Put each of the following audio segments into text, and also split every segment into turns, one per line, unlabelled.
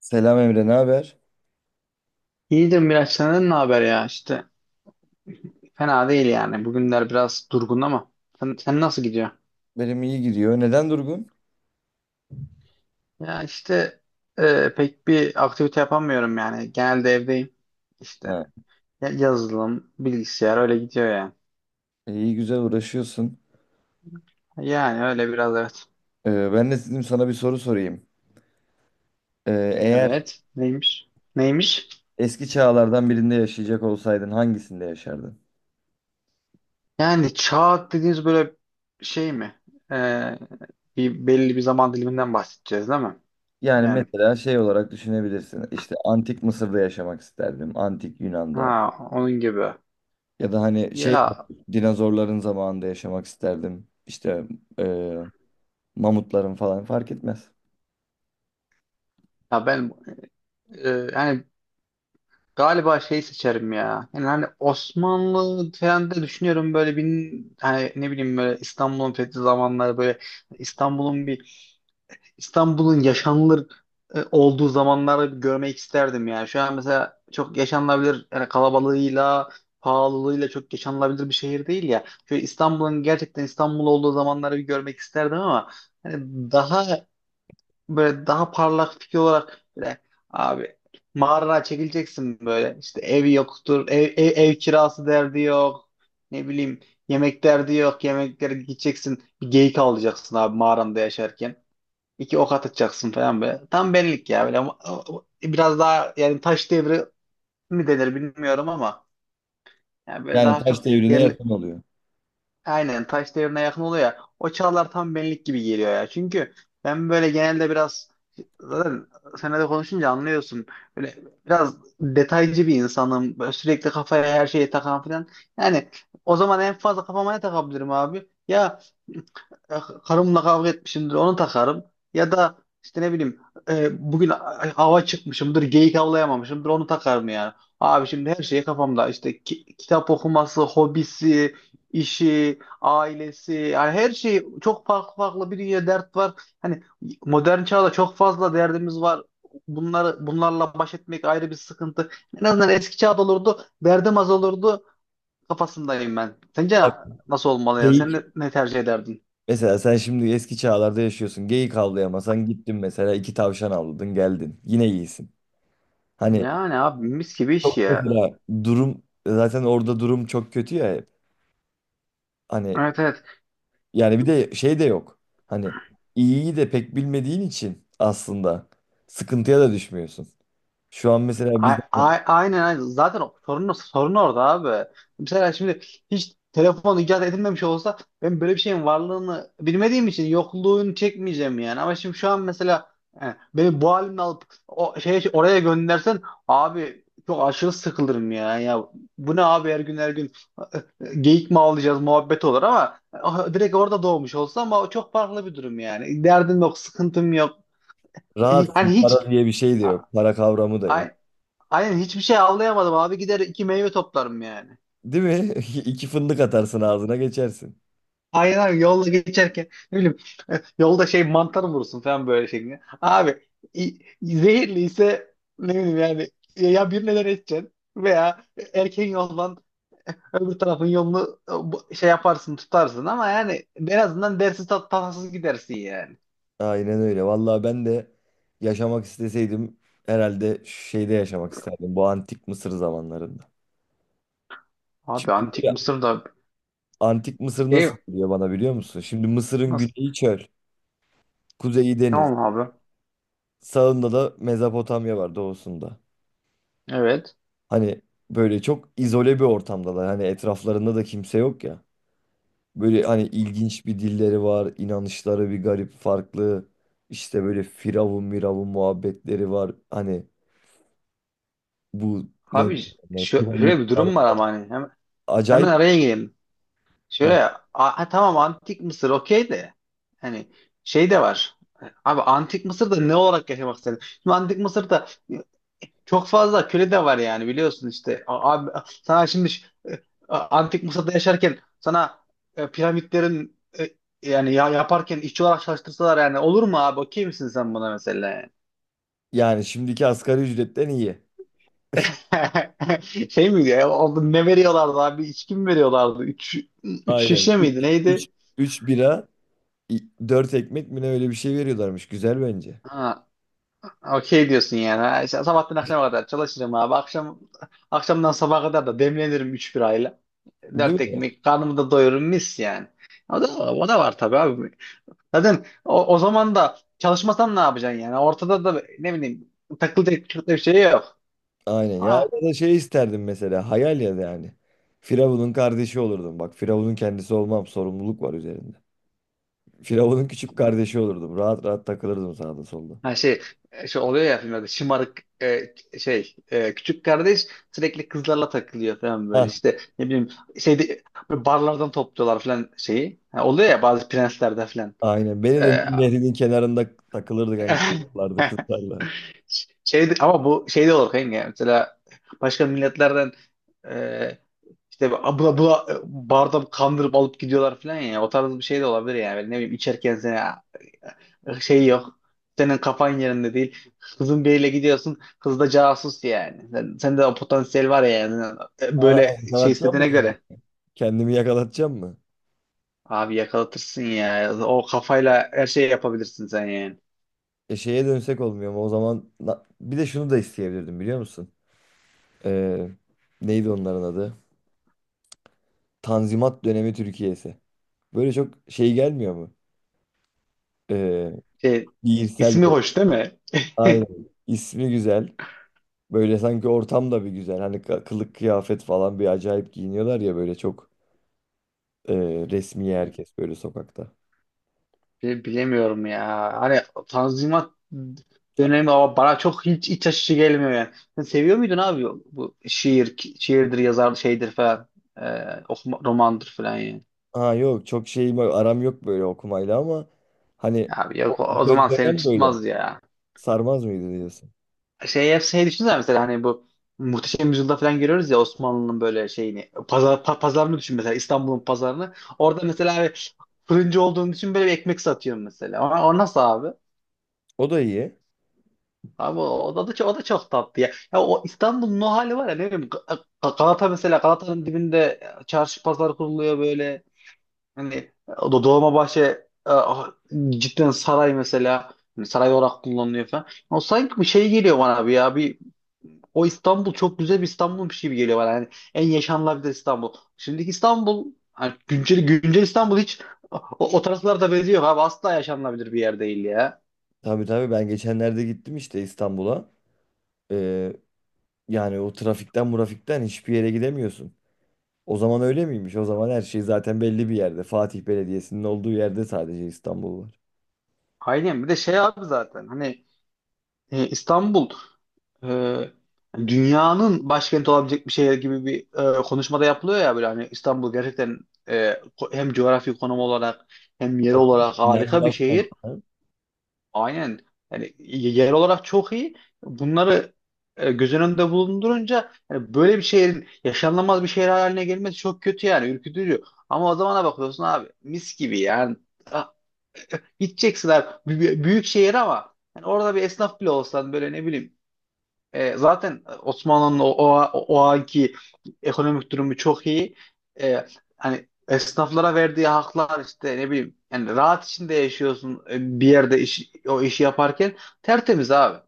Selam Emre, ne haber?
İyidir Miraç, senden ne haber ya işte, fena değil yani, bugünler biraz durgun ama. Sen nasıl gidiyor?
Benim iyi gidiyor. Neden durgun?
Ya işte, pek bir aktivite yapamıyorum yani, genelde evdeyim işte.
Ha.
Yazılım, bilgisayar, öyle gidiyor yani.
İyi güzel uğraşıyorsun.
Yani öyle biraz, evet.
Ben de dedim sana bir soru sorayım. E, eğer
Evet, neymiş? Neymiş?
eski çağlardan birinde yaşayacak olsaydın hangisinde yaşardın?
Yani çağ dediğiniz böyle şey mi? E, Bir belli bir zaman diliminden bahsedeceğiz değil mi?
Yani
Yani,
mesela şey olarak düşünebilirsin. İşte antik Mısır'da yaşamak isterdim. Antik Yunan'da.
ha, onun gibi.
Ya da hani şey
Ya,
dinozorların zamanında yaşamak isterdim. İşte e, mamutların falan fark etmez.
ya ben, yani galiba şey seçerim ya. Yani hani Osmanlı falan da düşünüyorum, böyle bin, hani ne bileyim, böyle İstanbul'un fethi zamanları, böyle İstanbul'un bir İstanbul'un yaşanılır olduğu zamanları bir görmek isterdim yani. Şu an mesela çok yaşanılabilir, yani kalabalığıyla, pahalılığıyla çok yaşanılabilir bir şehir değil ya. Şöyle İstanbul'un gerçekten İstanbul olduğu zamanları bir görmek isterdim ama hani daha, böyle daha parlak fikir olarak, böyle abi, mağarana çekileceksin, böyle işte ev yoktur, ev kirası derdi yok, ne bileyim, yemek derdi yok, yemeklere gideceksin, bir geyik avlayacaksın abi, mağaranda yaşarken iki ok atacaksın falan, böyle tam benlik ya, böyle ama biraz daha yani, taş devri mi denir bilmiyorum ama yani böyle
Yani
daha çok
taş devrine
yer.
yakın oluyor.
Aynen, taş devrine yakın oluyor ya. O çağlar tam benlik gibi geliyor ya. Çünkü ben böyle genelde biraz, zaten seninle de konuşunca anlıyorsun. Böyle biraz detaycı bir insanım. Böyle sürekli kafaya her şeyi takan falan. Yani o zaman en fazla kafama ne takabilirim abi? Ya, e, karımla kavga etmişimdir, onu takarım. Ya da işte ne bileyim, bugün hava çıkmışımdır, geyik avlayamamışımdır, onu takarım yani. Abi şimdi her şey kafamda, işte kitap okuması, hobisi, işi, ailesi, yani her şey çok farklı farklı, bir dünya dert var. Hani modern çağda çok fazla derdimiz var. Bunları, bunlarla baş etmek ayrı bir sıkıntı. En azından eski çağda olurdu, derdim az olurdu kafasındayım ben. Sence nasıl olmalı ya? Sen ne,
Tabii.
ne tercih ederdin?
Mesela sen şimdi eski çağlarda yaşıyorsun. Geyik avlayamasan gittin mesela iki tavşan avladın geldin. Yine iyisin. Hani
Yani abi, mis gibi iş
çok
ya.
mesela durum zaten orada durum çok kötü ya hep. Hani
Evet, evet.
yani bir de şey de yok. Hani iyiyi de pek bilmediğin için aslında sıkıntıya da düşmüyorsun. Şu an mesela biz hani
Aynen, aynen. Zaten sorun orada abi. Mesela şimdi hiç telefon icat edilmemiş olsa, ben böyle bir şeyin varlığını bilmediğim için yokluğunu çekmeyeceğim yani. Ama şimdi şu an mesela, beni bu halimle alıp o şeye, oraya göndersen abi, çok aşırı sıkılırım ya. Ya bu ne abi, her gün her gün e, geyik mi avlayacağız, muhabbet olur ama direkt orada doğmuş olsa ama, o çok farklı bir durum yani. Derdim yok, sıkıntım yok. Hi-
rahatsın,
Hani hiç
para diye bir şey de
A-
yok. Para kavramı da yok.
ay- Aynen, hiçbir şey avlayamadım abi, gider iki meyve toplarım yani.
Değil mi? İki fındık atarsın ağzına geçersin.
Aynen abi, yolda geçerken ne bileyim yolda şey, mantar mı vurursun falan böyle şeklinde. Abi zehirli ise ne bileyim yani, ya birine neden edeceksin veya erken yoldan öbür tarafın yolunu şey yaparsın, tutarsın ama yani, en azından dersiz, tat tatsız gidersin yani.
Aynen öyle. Vallahi ben de yaşamak isteseydim herhalde şeyde yaşamak isterdim. Bu antik Mısır zamanlarında.
Abi
Çünkü
antik
ya,
Mısır'da,
antik Mısır
şey
nasıl diyor bana biliyor musun? Şimdi Mısır'ın
nasıl,
güneyi çöl, kuzeyi deniz,
tamam abi,
sağında da Mezopotamya var doğusunda.
evet
Hani böyle çok izole bir ortamdalar. Hani etraflarında da kimse yok ya. Böyle hani ilginç bir dilleri var, inanışları bir garip farklı. İşte böyle firavun miravun muhabbetleri var. Hani bu ne
abi,
onlar?
şöyle bir
Piramitler.
durum var ama hani hemen
Acayip.
araya gireyim.
Heh.
Şöyle ha, tamam, antik Mısır okey de, hani şey de var. Abi antik Mısır'da ne olarak yaşamak istedin? Şimdi antik Mısır'da çok fazla köle de var yani, biliyorsun işte. Abi, sana şimdi antik Mısır'da yaşarken sana piramitlerin yani ya, yaparken işçi olarak çalıştırsalar, yani olur mu abi? Okey misin sen buna mesela, yani?
Yani şimdiki asgari ücretten iyi.
Şey miydi ya? Oldu, ne veriyorlardı abi? İçki mi veriyorlardı? Üç
Aynen.
şişe miydi?
Üç
Neydi?
üç bira, 4 ekmek mi ne öyle bir şey veriyorlarmış. Güzel bence.
Ha, okey diyorsun yani. Ha, işte sabahtan akşama kadar çalışırım abi. Akşamdan sabaha kadar da demlenirim 3 birayla. 4
Değil mi?
ekmek karnımı da doyururum, mis yani. O da, o da var tabii abi. Zaten o zaman da çalışmasan ne yapacaksın yani? Ortada da ne bileyim, takılacak çok da bir şey yok.
Aynen. Ya
Ha,
ya da şey isterdim mesela. Hayal ya da yani. Firavun'un kardeşi olurdum. Bak Firavun'un kendisi olmam. Sorumluluk var üzerinde. Firavun'un küçük kardeşi olurdum. Rahat rahat takılırdım sağda solda.
ha, şey oluyor ya filmlerde, şımarık şey, küçük kardeş sürekli kızlarla takılıyor falan, böyle
Hah,
işte ne bileyim, şeyde böyle barlardan topluyorlar falan şeyi. Ha, oluyor ya bazı prenslerde.
aynen. Beni de
Ee,
Nil Nehri'nin kenarında takılırdık. Yani, kızlarla. Kızlarla.
Şey, ama bu şey de olur kanka. Mesela başka milletlerden e, işte abla bula barda kandırıp alıp gidiyorlar falan ya. O tarz bir şey de olabilir yani. Böyle, ne bileyim, içerken sana şey yok. Senin kafan yerinde değil. Kızın biriyle gidiyorsun. Kız da casus yani. Sende o potansiyel var ya yani.
Aa,
Böyle şey
yakalatacağım mı
istediğine
kendimi?
göre.
Kendimi yakalatacağım mı?
Abi yakalatırsın ya. O kafayla her şeyi yapabilirsin sen yani.
E şeye dönsek olmuyor mu? O zaman bir de şunu da isteyebilirdim biliyor musun? Ee, neydi onların adı? Tanzimat dönemi Türkiye'si. Böyle çok şey gelmiyor mu? Ee,
Şey,
şiirsel
ismi
bir.
hoş değil mi?
Aynen. İsmi güzel. Böyle sanki ortam da bir güzel. Hani kılık kıyafet falan bir acayip giyiniyorlar ya, böyle çok e, resmi herkes böyle sokakta.
Bilemiyorum ya. Hani Tanzimat dönemi ama bana çok hiç iç açıcı gelmiyor yani. Sen seviyor muydun abi bu şiirdir, yazar şeydir falan, okuma, romandır falan yani.
Ha yok, çok şeyim, aram yok böyle okumayla ama hani
Abi
o
yok, o zaman seni
dönem böyle
tutmaz ya.
sarmaz mıydı diyorsun?
Şey, hep şey, düşünsene mesela, hani bu Muhteşem Yüzyılda falan görüyoruz ya Osmanlı'nın böyle şeyini, pazarını düşün mesela, İstanbul'un pazarını. Orada mesela bir fırıncı olduğunu düşün, böyle bir ekmek satıyor mesela. O nasıl abi?
O da iyi.
Abi o da çok tatlı ya. Ya o İstanbul'un o hali var ya, ne bileyim Galata mesela, Galata'nın dibinde çarşı pazar kuruluyor böyle. Hani o da Dolmabahçe, e, ah, cidden saray mesela, hani saray olarak kullanılıyor falan. O sanki bir şey geliyor bana abi, ya bir, o İstanbul çok güzel bir İstanbul'muş gibi geliyor bana. Yani en yaşanılabilir İstanbul. Şimdiki İstanbul, hani güncel İstanbul hiç o taraflarda benziyor abi, asla yaşanılabilir bir yer değil ya.
Tabii tabii, ben geçenlerde gittim işte İstanbul'a. Ee, yani o trafikten murafikten hiçbir yere gidemiyorsun. O zaman öyle miymiş? O zaman her şey zaten belli bir yerde. Fatih Belediyesi'nin olduğu yerde sadece İstanbul var.
Aynen, bir de şey abi, zaten hani, İstanbul e, dünyanın başkenti olabilecek bir şehir gibi bir konuşmada yapılıyor ya, böyle hani İstanbul gerçekten hem coğrafi konum olarak, hem yer
Tabii.
olarak
Yani
harika bir şehir.
başkentsen,
Aynen. Yani yer olarak çok iyi. Bunları göz önünde bulundurunca yani, böyle bir şehrin yaşanılmaz bir şehir haline gelmesi çok kötü yani, ürkütücü. Ama o zamana bakıyorsun abi, mis gibi yani. Ah, Gideceksin abi, büyük şehir ama yani orada bir esnaf bile olsan, böyle ne bileyim, zaten Osmanlı'nın o anki ekonomik durumu çok iyi. E, Hani esnaflara verdiği haklar işte, ne bileyim yani, rahat içinde yaşıyorsun, bir yerde o işi yaparken tertemiz abi.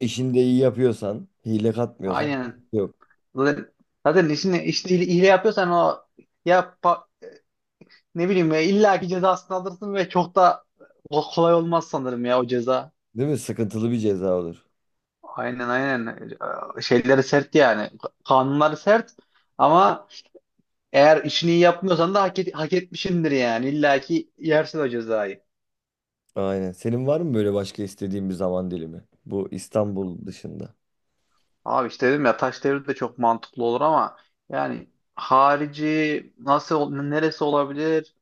işini de iyi yapıyorsan, hile katmıyorsan
Aynen.
yok.
Zaten, zaten, işini hile hile yapıyorsan o, ya ne bileyim ya, illa ki cezasını alırsın ve çok da kolay olmaz sanırım ya, o ceza.
Değil mi? Sıkıntılı bir ceza olur.
Aynen, aynen. Şeyleri sert yani. Kanunları sert ama, eğer işini iyi yapmıyorsan da hak etmişindir yani. İlla ki yersin o cezayı.
Aynen. Senin var mı böyle başka istediğin bir zaman dilimi? Bu İstanbul dışında.
Abi işte dedim ya, taş devri de çok mantıklı olur ama yani, harici nasıl neresi olabilir?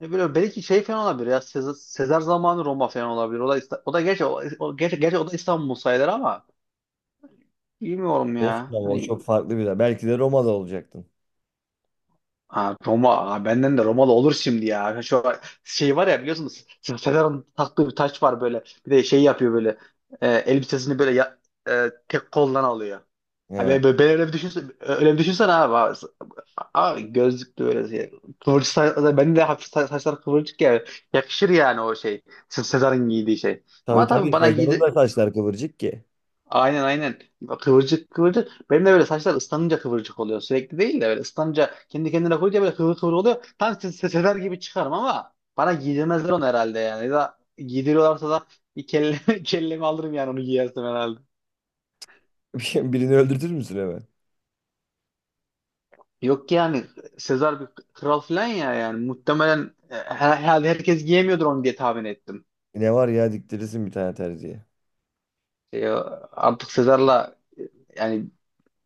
Ne bileyim, belki şey falan olabilir ya, Sezar zamanı Roma falan olabilir. O da gerçi, o da İstanbul sayılır ama, bilmiyorum ya.
Olsun ama o
Hani.
çok farklı bir yer. Belki de Roma'da olacaktın.
Aa, Roma. Aa, benden de Romalı olur şimdi ya. Şu şey var ya, biliyorsunuz Sezar'ın taktığı bir taç var böyle. Bir de şey yapıyor böyle, elbisesini böyle tek koldan alıyor. Ha,
He.
ben öyle bir düşünsen, öyle bir düşünsen abi. Abi gözlüklü böyle şey. Kıvırcık saç, bende de hafif saçlar kıvırcık ya. Yakışır yani o şey. Sezar'ın giydiği şey.
Tabii
Ama tabii
tabii,
bana
Sezar'ın da saçlar kıvırcık ki.
aynen, aynen. Kıvırcık kıvırcık. Benim de böyle saçlar ıslanınca kıvırcık oluyor. Sürekli değil de böyle ıslanınca, kendi kendine koyunca böyle kıvır kıvır oluyor. Tam sefer gibi çıkarım ama bana giydirmezler onu herhalde yani. Ya da giydiriyorlarsa da, bir kellemi alırım yani onu giyersem herhalde.
Birini öldürtür müsün hemen?
Yok ki yani, Sezar bir kral falan ya yani muhtemelen, herhalde herkes giyemiyordur onu diye tahmin ettim.
Ne var ya, diktirirsin bir tane terziye.
E, Artık Sezar'la, yani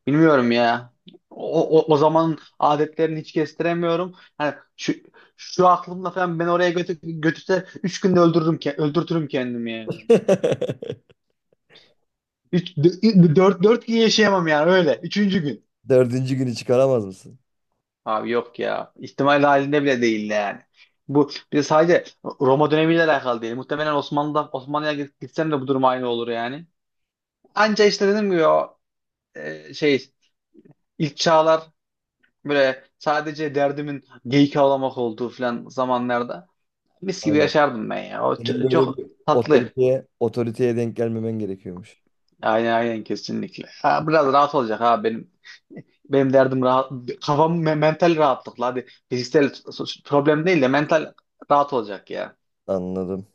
bilmiyorum ya. O zaman adetlerini hiç kestiremiyorum. Yani şu aklımla falan ben oraya götürse 3 günde öldürürüm ki, öldürtürüm kendimi yani. 3 4 4 gün yaşayamam yani öyle. Üçüncü gün.
Dördüncü günü çıkaramaz mısın?
Abi yok ya. İhtimal halinde bile değil yani. Bu bir de sadece Roma dönemiyle alakalı değil. Muhtemelen Osmanlı'ya gitsem de bu durum aynı olur yani. Anca işte dedim ki o, şey, ilk çağlar, böyle sadece derdimin geyik avlamak olduğu falan zamanlarda mis gibi
Aynen.
yaşardım ben ya. O
Senin böyle
çok
bir
tatlı.
otoriteye denk gelmemen gerekiyormuş.
Aynen, aynen, kesinlikle. Ha, biraz rahat olacak, ha benim derdim rahat, kafam mental rahatlıkla, hadi fiziksel problem değil de mental rahat olacak ya.
Anladım.